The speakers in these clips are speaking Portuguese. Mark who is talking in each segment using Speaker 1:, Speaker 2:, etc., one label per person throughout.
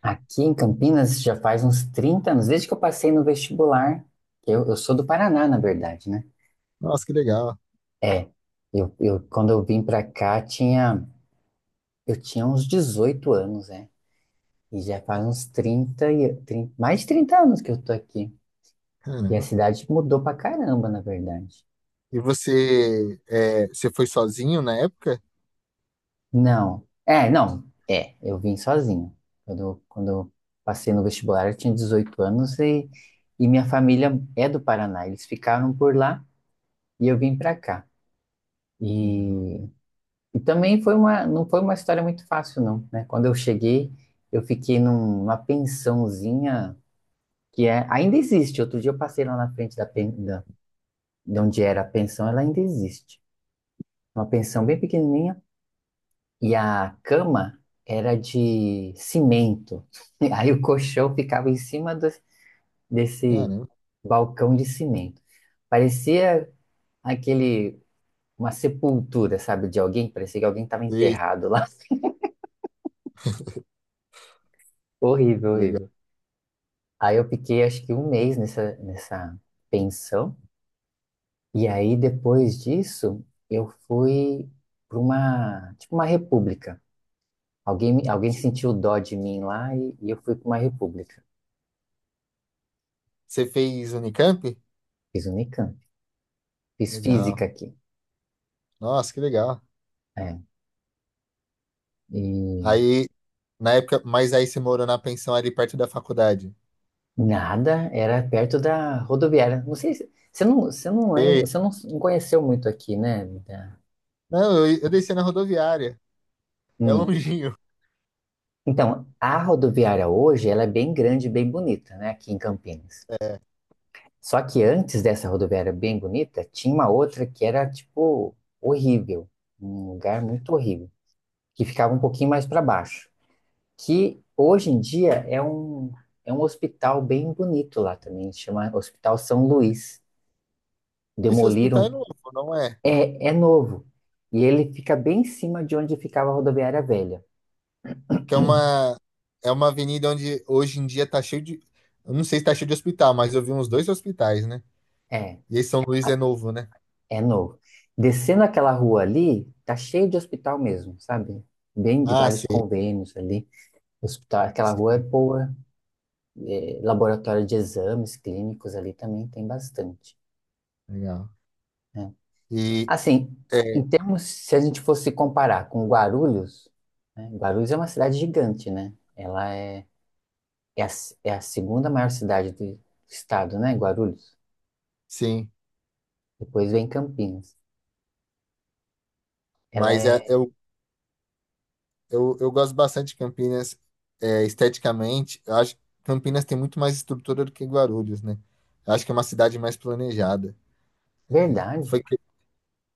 Speaker 1: Aqui em Campinas já faz uns 30 anos, desde que eu passei no vestibular. Eu sou do Paraná, na verdade, né?
Speaker 2: Nossa, que legal.
Speaker 1: É, quando eu vim pra cá, tinha, eu tinha uns 18 anos, né? E já faz uns trinta, mais de 30 anos que eu tô aqui. E a
Speaker 2: Caramba.
Speaker 1: cidade mudou pra caramba, na verdade.
Speaker 2: E você, você foi sozinho na época?
Speaker 1: Não, é, não, é, eu vim sozinho. Quando eu passei no vestibular, eu tinha 18 anos e minha família é do Paraná. Eles ficaram por lá e eu vim pra cá.
Speaker 2: Legal.
Speaker 1: E, e também foi uma, não foi uma história muito fácil, não, né? Quando eu cheguei, eu fiquei numa pensãozinha que é, ainda existe. Outro dia eu passei lá na frente da, de onde era a pensão, ela ainda existe. Uma pensão bem pequenininha e a cama era de cimento. Aí o colchão ficava desse
Speaker 2: Caramba.
Speaker 1: balcão de cimento. Parecia aquele, uma sepultura, sabe, de alguém. Parecia que alguém estava
Speaker 2: E,
Speaker 1: enterrado lá. Horrível,
Speaker 2: legal.
Speaker 1: horrível. Aí eu fiquei acho que um mês nessa pensão. E aí depois disso eu fui para uma, tipo uma república. Alguém sentiu dó de mim lá e eu fui para uma república.
Speaker 2: Você fez Unicamp?
Speaker 1: Fiz um Unicamp. Fiz
Speaker 2: Legal.
Speaker 1: física aqui.
Speaker 2: Nossa, que legal.
Speaker 1: É. E
Speaker 2: Aí, na época, mas aí você morou na pensão ali perto da faculdade?
Speaker 1: nada, era perto da rodoviária. Não sei se você não lembra,
Speaker 2: Ei.
Speaker 1: você não, não conheceu muito aqui, né? Da-
Speaker 2: Não, eu desci na rodoviária. É
Speaker 1: hum.
Speaker 2: longinho.
Speaker 1: Então, a rodoviária hoje, ela é bem grande, e bem bonita, né? Aqui em Campinas.
Speaker 2: É.
Speaker 1: Só que antes dessa rodoviária bem bonita, tinha uma outra que era, tipo, horrível. Um lugar muito horrível. Que ficava um pouquinho mais para baixo. Que hoje em dia é um hospital bem bonito lá também. Chama Hospital São Luís.
Speaker 2: Esse hospital é
Speaker 1: Demoliram.
Speaker 2: novo, não é?
Speaker 1: É, é novo. E ele fica bem em cima de onde ficava a rodoviária velha.
Speaker 2: Que é uma, é uma avenida onde hoje em dia tá cheio de. Eu não sei se tá cheio de hospital, mas eu vi uns dois hospitais, né?
Speaker 1: É,
Speaker 2: E esse São Luís é
Speaker 1: a-
Speaker 2: novo, né?
Speaker 1: é novo. Descendo aquela rua ali, tá cheio de hospital mesmo, sabe? Bem de
Speaker 2: Ah,
Speaker 1: vários
Speaker 2: sim.
Speaker 1: convênios ali. Hospital, aquela rua é
Speaker 2: Sim,
Speaker 1: boa, laboratório de exames clínicos ali também tem bastante,
Speaker 2: legal.
Speaker 1: né?
Speaker 2: E
Speaker 1: Assim, em
Speaker 2: é,
Speaker 1: termos, se a gente fosse comparar com Guarulhos, né? Guarulhos é uma cidade gigante, né? Ela é, é, a, é a segunda maior cidade do estado, né? Guarulhos.
Speaker 2: sim,
Speaker 1: Depois vem Campinas. Ela
Speaker 2: mas é-
Speaker 1: é
Speaker 2: eu, eu gosto bastante de Campinas, esteticamente. Eu acho que Campinas tem muito mais estrutura do que Guarulhos, né? Eu acho que é uma cidade mais planejada.
Speaker 1: verdade.
Speaker 2: Foi, cre-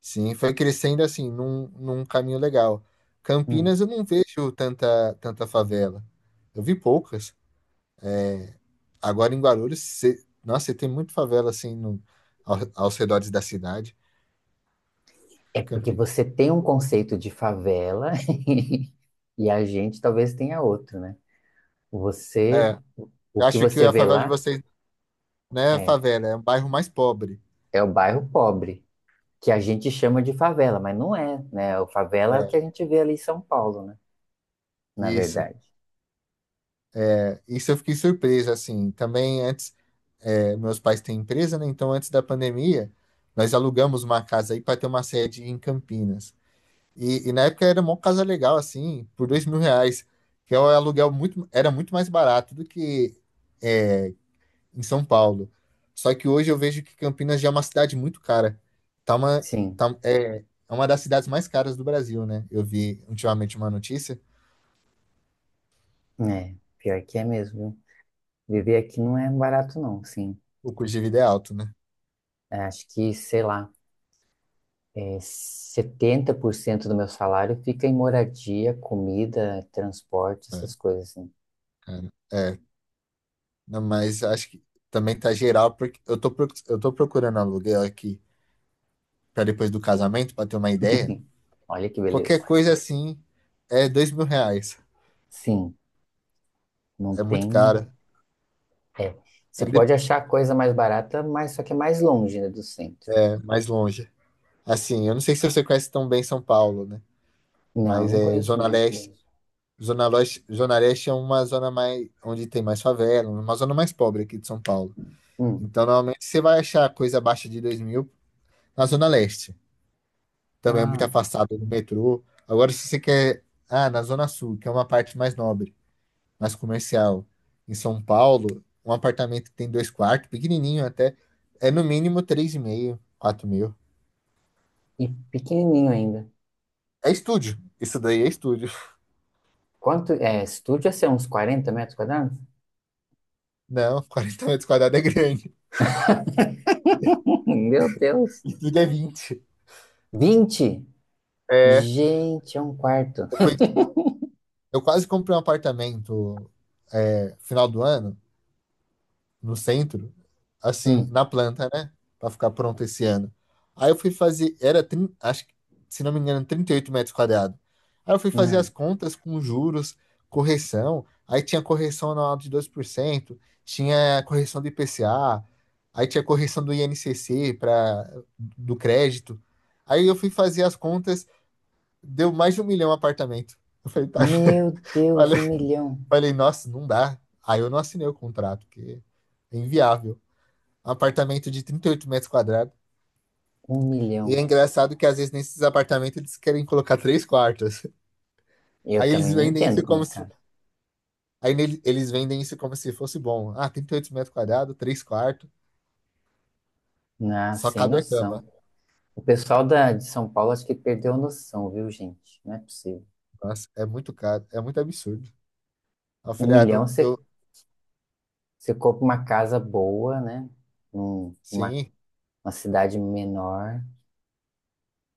Speaker 2: sim, foi crescendo assim, num caminho legal.
Speaker 1: Hum.
Speaker 2: Campinas eu não vejo tanta favela. Eu vi poucas. Agora em Guarulhos, cê, nossa, você tem muito favela assim no, aos redores da cidade.
Speaker 1: É porque
Speaker 2: Campi-
Speaker 1: você tem um conceito de favela e a gente talvez tenha outro, né? Você,
Speaker 2: é,
Speaker 1: o
Speaker 2: eu
Speaker 1: que
Speaker 2: acho que
Speaker 1: você
Speaker 2: a
Speaker 1: vê
Speaker 2: favela de
Speaker 1: lá
Speaker 2: vocês, né,
Speaker 1: é,
Speaker 2: favela, é um bairro mais pobre.
Speaker 1: é o bairro pobre. Que a gente chama de favela, mas não é, né? O favela é o que a
Speaker 2: É,
Speaker 1: gente vê ali em São Paulo, né? Na
Speaker 2: isso.
Speaker 1: verdade.
Speaker 2: É. Isso eu fiquei surpreso, assim. Também antes, meus pais têm empresa, né? Então, antes da pandemia, nós alugamos uma casa aí para ter uma sede em Campinas. E na época era uma casa legal, assim, por R$ 2.000, que é um aluguel era muito mais barato do que, é, em São Paulo. Só que hoje eu vejo que Campinas já é uma cidade muito cara. Tá uma,
Speaker 1: Sim,
Speaker 2: tá, é, é uma das cidades mais caras do Brasil, né? Eu vi ultimamente uma notícia.
Speaker 1: é. Pior que é mesmo. Viu? Viver aqui não é barato, não, sim.
Speaker 2: O custo de vida é alto, né?
Speaker 1: Acho que, sei lá, é 70% do meu salário fica em moradia, comida, transporte,
Speaker 2: É,
Speaker 1: essas coisas, assim.
Speaker 2: cara. É, não, mas acho que também tá geral, porque eu tô, proc- eu tô procurando aluguel aqui pra depois do casamento, pra ter uma ideia.
Speaker 1: Olha que
Speaker 2: Qualquer
Speaker 1: beleza.
Speaker 2: coisa assim é R$ 2.000.
Speaker 1: Sim, não
Speaker 2: É muito
Speaker 1: tem.
Speaker 2: caro.
Speaker 1: É.
Speaker 2: É,
Speaker 1: Você
Speaker 2: de-
Speaker 1: pode achar coisa mais barata, mas só que é mais longe, né, do centro.
Speaker 2: é mais longe. Assim, eu não sei se você conhece tão bem São Paulo, né?
Speaker 1: Não,
Speaker 2: Mas
Speaker 1: não
Speaker 2: é
Speaker 1: conheço
Speaker 2: Zona
Speaker 1: muito
Speaker 2: Leste.
Speaker 1: bem.
Speaker 2: Zona Leste é uma zona mais onde tem mais favela, uma zona mais pobre aqui de São Paulo.
Speaker 1: Hum.
Speaker 2: Então, normalmente você vai achar coisa abaixo de 2.000 na Zona Leste. Também é muito
Speaker 1: Ah.
Speaker 2: afastado do metrô. Agora, se você quer, ah, na Zona Sul, que é uma parte mais nobre, mais comercial, em São Paulo, um apartamento que tem dois quartos, pequenininho até, é no mínimo 3.500, 4.000.
Speaker 1: E pequenininho ainda.
Speaker 2: É estúdio. Isso daí é estúdio.
Speaker 1: Quanto é estúdio? Ia ser uns 40 metros quadrados?
Speaker 2: Não, 40 m² é grande.
Speaker 1: Meu Deus!
Speaker 2: Estúdio é 20.
Speaker 1: 20?
Speaker 2: É,
Speaker 1: Gente, é um quarto.
Speaker 2: eu, fui, eu quase comprei um apartamento, final do ano, no centro, assim,
Speaker 1: Hum.
Speaker 2: na planta, né? Pra ficar pronto esse ano. Aí eu fui fazer, era, trin- acho que, se não me engano, 38 metros quadrados. Aí eu fui fazer as
Speaker 1: Ai.
Speaker 2: contas com juros, correção. Aí tinha correção anual de 2%, tinha correção do IPCA, aí tinha correção do INCC para do crédito. Aí eu fui fazer as contas, deu mais de 1 milhão apartamento. Eu falei, tá,
Speaker 1: Meu Deus,
Speaker 2: falei,
Speaker 1: um milhão.
Speaker 2: falei, nossa, não dá. Aí eu não assinei o contrato, porque é inviável apartamento de 38 m².
Speaker 1: Um
Speaker 2: E é
Speaker 1: milhão.
Speaker 2: engraçado que às vezes nesses apartamentos eles querem colocar três quartos.
Speaker 1: Eu
Speaker 2: Aí
Speaker 1: também
Speaker 2: eles
Speaker 1: não
Speaker 2: vendem
Speaker 1: entendo
Speaker 2: isso
Speaker 1: como é,
Speaker 2: como se,
Speaker 1: cara.
Speaker 2: aí nele- eles vendem isso como se fosse bom. Ah, 38 m², três quartos,
Speaker 1: Ah,
Speaker 2: só
Speaker 1: sem
Speaker 2: cabe a cama.
Speaker 1: noção. O pessoal da, de São Paulo acho que perdeu a noção, viu, gente? Não é possível.
Speaker 2: Nossa, é muito caro, é muito absurdo. Aí eu
Speaker 1: Um
Speaker 2: falei, ah,
Speaker 1: milhão
Speaker 2: não, eu,
Speaker 1: você, você compra uma casa boa, né? Um- uma,
Speaker 2: sim,
Speaker 1: uma cidade menor.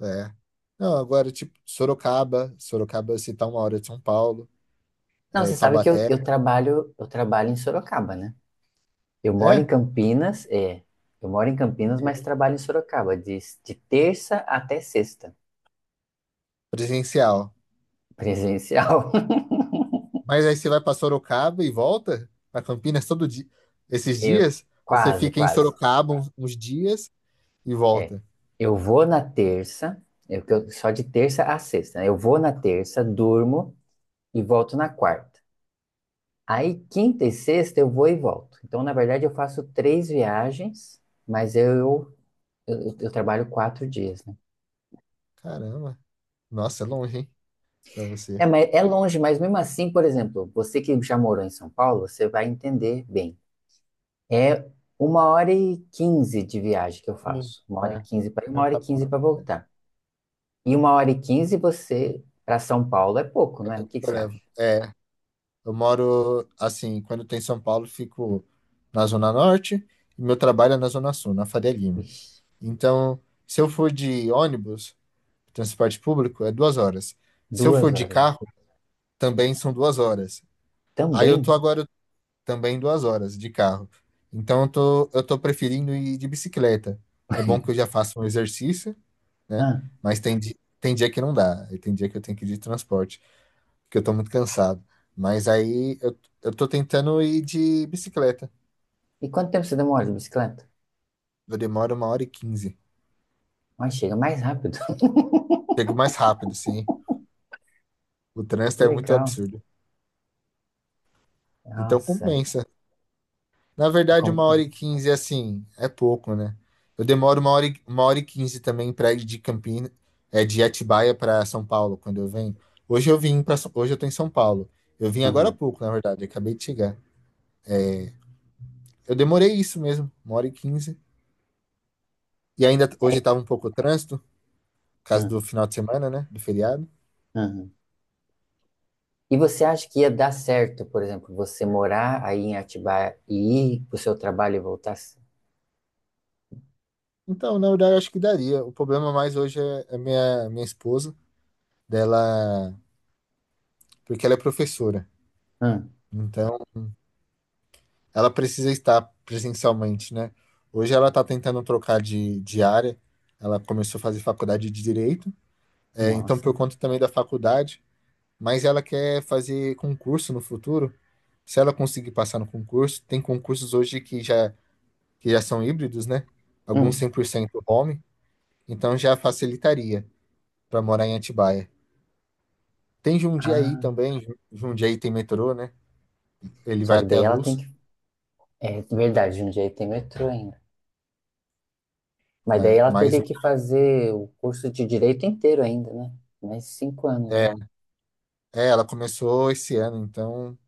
Speaker 2: é. Não, agora, tipo, Sorocaba, se tá uma hora de São Paulo,
Speaker 1: Não, você sabe que eu,
Speaker 2: Taubaté,
Speaker 1: eu trabalho em Sorocaba, né? Eu moro em
Speaker 2: é,
Speaker 1: Campinas, é. Eu moro em Campinas, mas
Speaker 2: legal.
Speaker 1: trabalho em Sorocaba, de terça até sexta,
Speaker 2: Presencial.
Speaker 1: presencial.
Speaker 2: Mas aí você vai para Sorocaba e volta para Campinas todo dia. Esses
Speaker 1: Eu
Speaker 2: dias, você
Speaker 1: quase,
Speaker 2: fica em
Speaker 1: quase.
Speaker 2: Sorocaba uns dias e
Speaker 1: É.
Speaker 2: volta.
Speaker 1: Eu vou na terça, só de terça a sexta, né? Eu vou na terça, durmo e volto na quarta. Aí quinta e sexta eu vou e volto. Então, na verdade, eu faço três viagens, mas eu trabalho quatro dias, né?
Speaker 2: Caramba. Nossa, é longe, hein? Pra
Speaker 1: É,
Speaker 2: você.
Speaker 1: mas é longe, mas mesmo assim, por exemplo, você que já morou em São Paulo, você vai entender bem. É uma hora e quinze de viagem que eu
Speaker 2: Sim.
Speaker 1: faço. Uma
Speaker 2: É.
Speaker 1: hora e quinze para ir, uma
Speaker 2: Não
Speaker 1: hora e
Speaker 2: tá bom,
Speaker 1: quinze
Speaker 2: na
Speaker 1: para
Speaker 2: verdade.
Speaker 1: voltar. E uma hora e quinze você para São Paulo é pouco, né? O que que
Speaker 2: Eu
Speaker 1: você acha?
Speaker 2: levo. É, eu moro assim, quando eu tô em São Paulo, fico na Zona Norte e meu trabalho é na Zona Sul, na Faria Lima.
Speaker 1: Ixi,
Speaker 2: Então, se eu for de ônibus, transporte público, é 2 horas. Se eu
Speaker 1: duas
Speaker 2: for de
Speaker 1: horas. Gente.
Speaker 2: carro, também são 2 horas. Aí eu tô
Speaker 1: Também?
Speaker 2: agora, também 2 horas de carro. Então eu tô preferindo ir de bicicleta. É bom que eu já faço um exercício, né?
Speaker 1: Ah,
Speaker 2: Mas tem, tem dia que não dá. E tem dia que eu tenho que ir de transporte, porque eu tô muito cansado. Mas aí eu tô tentando ir de bicicleta.
Speaker 1: e quanto tempo você demora de bicicleta?
Speaker 2: Eu demoro uma hora e quinze.
Speaker 1: Mas chega mais rápido.
Speaker 2: Chego mais rápido, sim. O
Speaker 1: Que
Speaker 2: trânsito é muito
Speaker 1: legal.
Speaker 2: absurdo. Então
Speaker 1: Nossa, é
Speaker 2: compensa. Na verdade, uma hora e
Speaker 1: compensa.
Speaker 2: quinze, assim, é pouco, né? Eu demoro uma hora e quinze também pra ir de Campinas, de Atibaia para São Paulo, quando eu venho. Hoje eu tô em São Paulo. Eu vim agora há
Speaker 1: Uhum.
Speaker 2: pouco, na verdade, eu acabei de chegar. Eu demorei isso mesmo, uma hora e quinze.
Speaker 1: É,
Speaker 2: Hoje tava um pouco o trânsito, por causa do
Speaker 1: uhum,
Speaker 2: final de semana, né? Do feriado.
Speaker 1: uhum. E você acha que ia dar certo, por exemplo, você morar aí em Atibaia e ir para o seu trabalho e voltar?
Speaker 2: Então, na verdade, eu acho que daria. O problema mais hoje é a minha, minha esposa, dela, porque ela é professora.
Speaker 1: Hum,
Speaker 2: Então, ela precisa estar presencialmente, né? Hoje ela está tentando trocar de área, ela começou a fazer faculdade de Direito, então
Speaker 1: nossa.
Speaker 2: por conta também da faculdade, mas ela quer fazer concurso no futuro. Se ela conseguir passar no concurso, tem concursos hoje que já são híbridos, né? Alguns cem
Speaker 1: Hum.
Speaker 2: por cento home, então já facilitaria para morar em Atibaia. Tem Jundiaí
Speaker 1: Ah.
Speaker 2: também, Jundiaí tem metrô, né? Ele
Speaker 1: Só
Speaker 2: vai
Speaker 1: que
Speaker 2: até
Speaker 1: daí
Speaker 2: a
Speaker 1: ela tem
Speaker 2: Luz,
Speaker 1: que. É verdade, Jundiaí tem metrô ainda. Mas daí
Speaker 2: é,
Speaker 1: ela
Speaker 2: mas
Speaker 1: teria que fazer o curso de direito inteiro ainda, né? Mais cinco anos,
Speaker 2: é,
Speaker 1: né?
Speaker 2: ela começou esse ano, então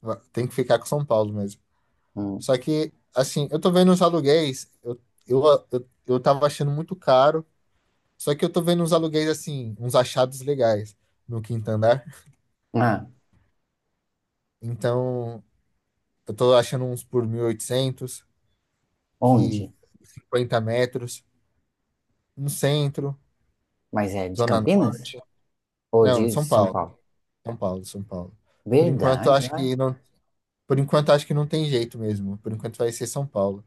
Speaker 2: Tem que ficar com São Paulo mesmo.
Speaker 1: Hum.
Speaker 2: Só que, assim, eu tô vendo os aluguéis, eu, eu tava achando muito caro, só que eu tô vendo uns aluguéis, assim, uns achados legais no quinto andar.
Speaker 1: Ah,
Speaker 2: Então, eu tô achando uns por 1.800, que
Speaker 1: onde?
Speaker 2: 50 m, no centro,
Speaker 1: Mas é de
Speaker 2: Zona
Speaker 1: Campinas?
Speaker 2: Norte.
Speaker 1: Ou
Speaker 2: Não,
Speaker 1: de São Paulo?
Speaker 2: São Paulo. Por enquanto, eu
Speaker 1: Verdade,
Speaker 2: acho
Speaker 1: ai.
Speaker 2: que não, por enquanto, eu acho que não tem jeito mesmo. Por enquanto, vai ser São Paulo.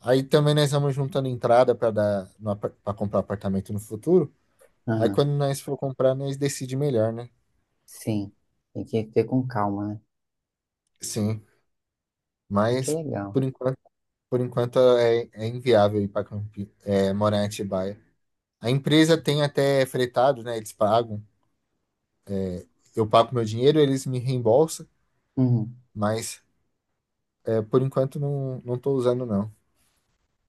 Speaker 2: Aí também nós vamos juntando entrada para dar para comprar apartamento no futuro. Aí
Speaker 1: Ah,
Speaker 2: quando nós for comprar, nós decide melhor, né?
Speaker 1: sim. Tem que ter com calma, né?
Speaker 2: Sim,
Speaker 1: Mas que
Speaker 2: mas
Speaker 1: legal.
Speaker 2: por enquanto, é inviável ir para morar em Atibaia. A empresa tem até fretado, né? Eles pagam. Eu pago meu dinheiro, eles me reembolsam,
Speaker 1: Uhum.
Speaker 2: mas por enquanto não estou usando não.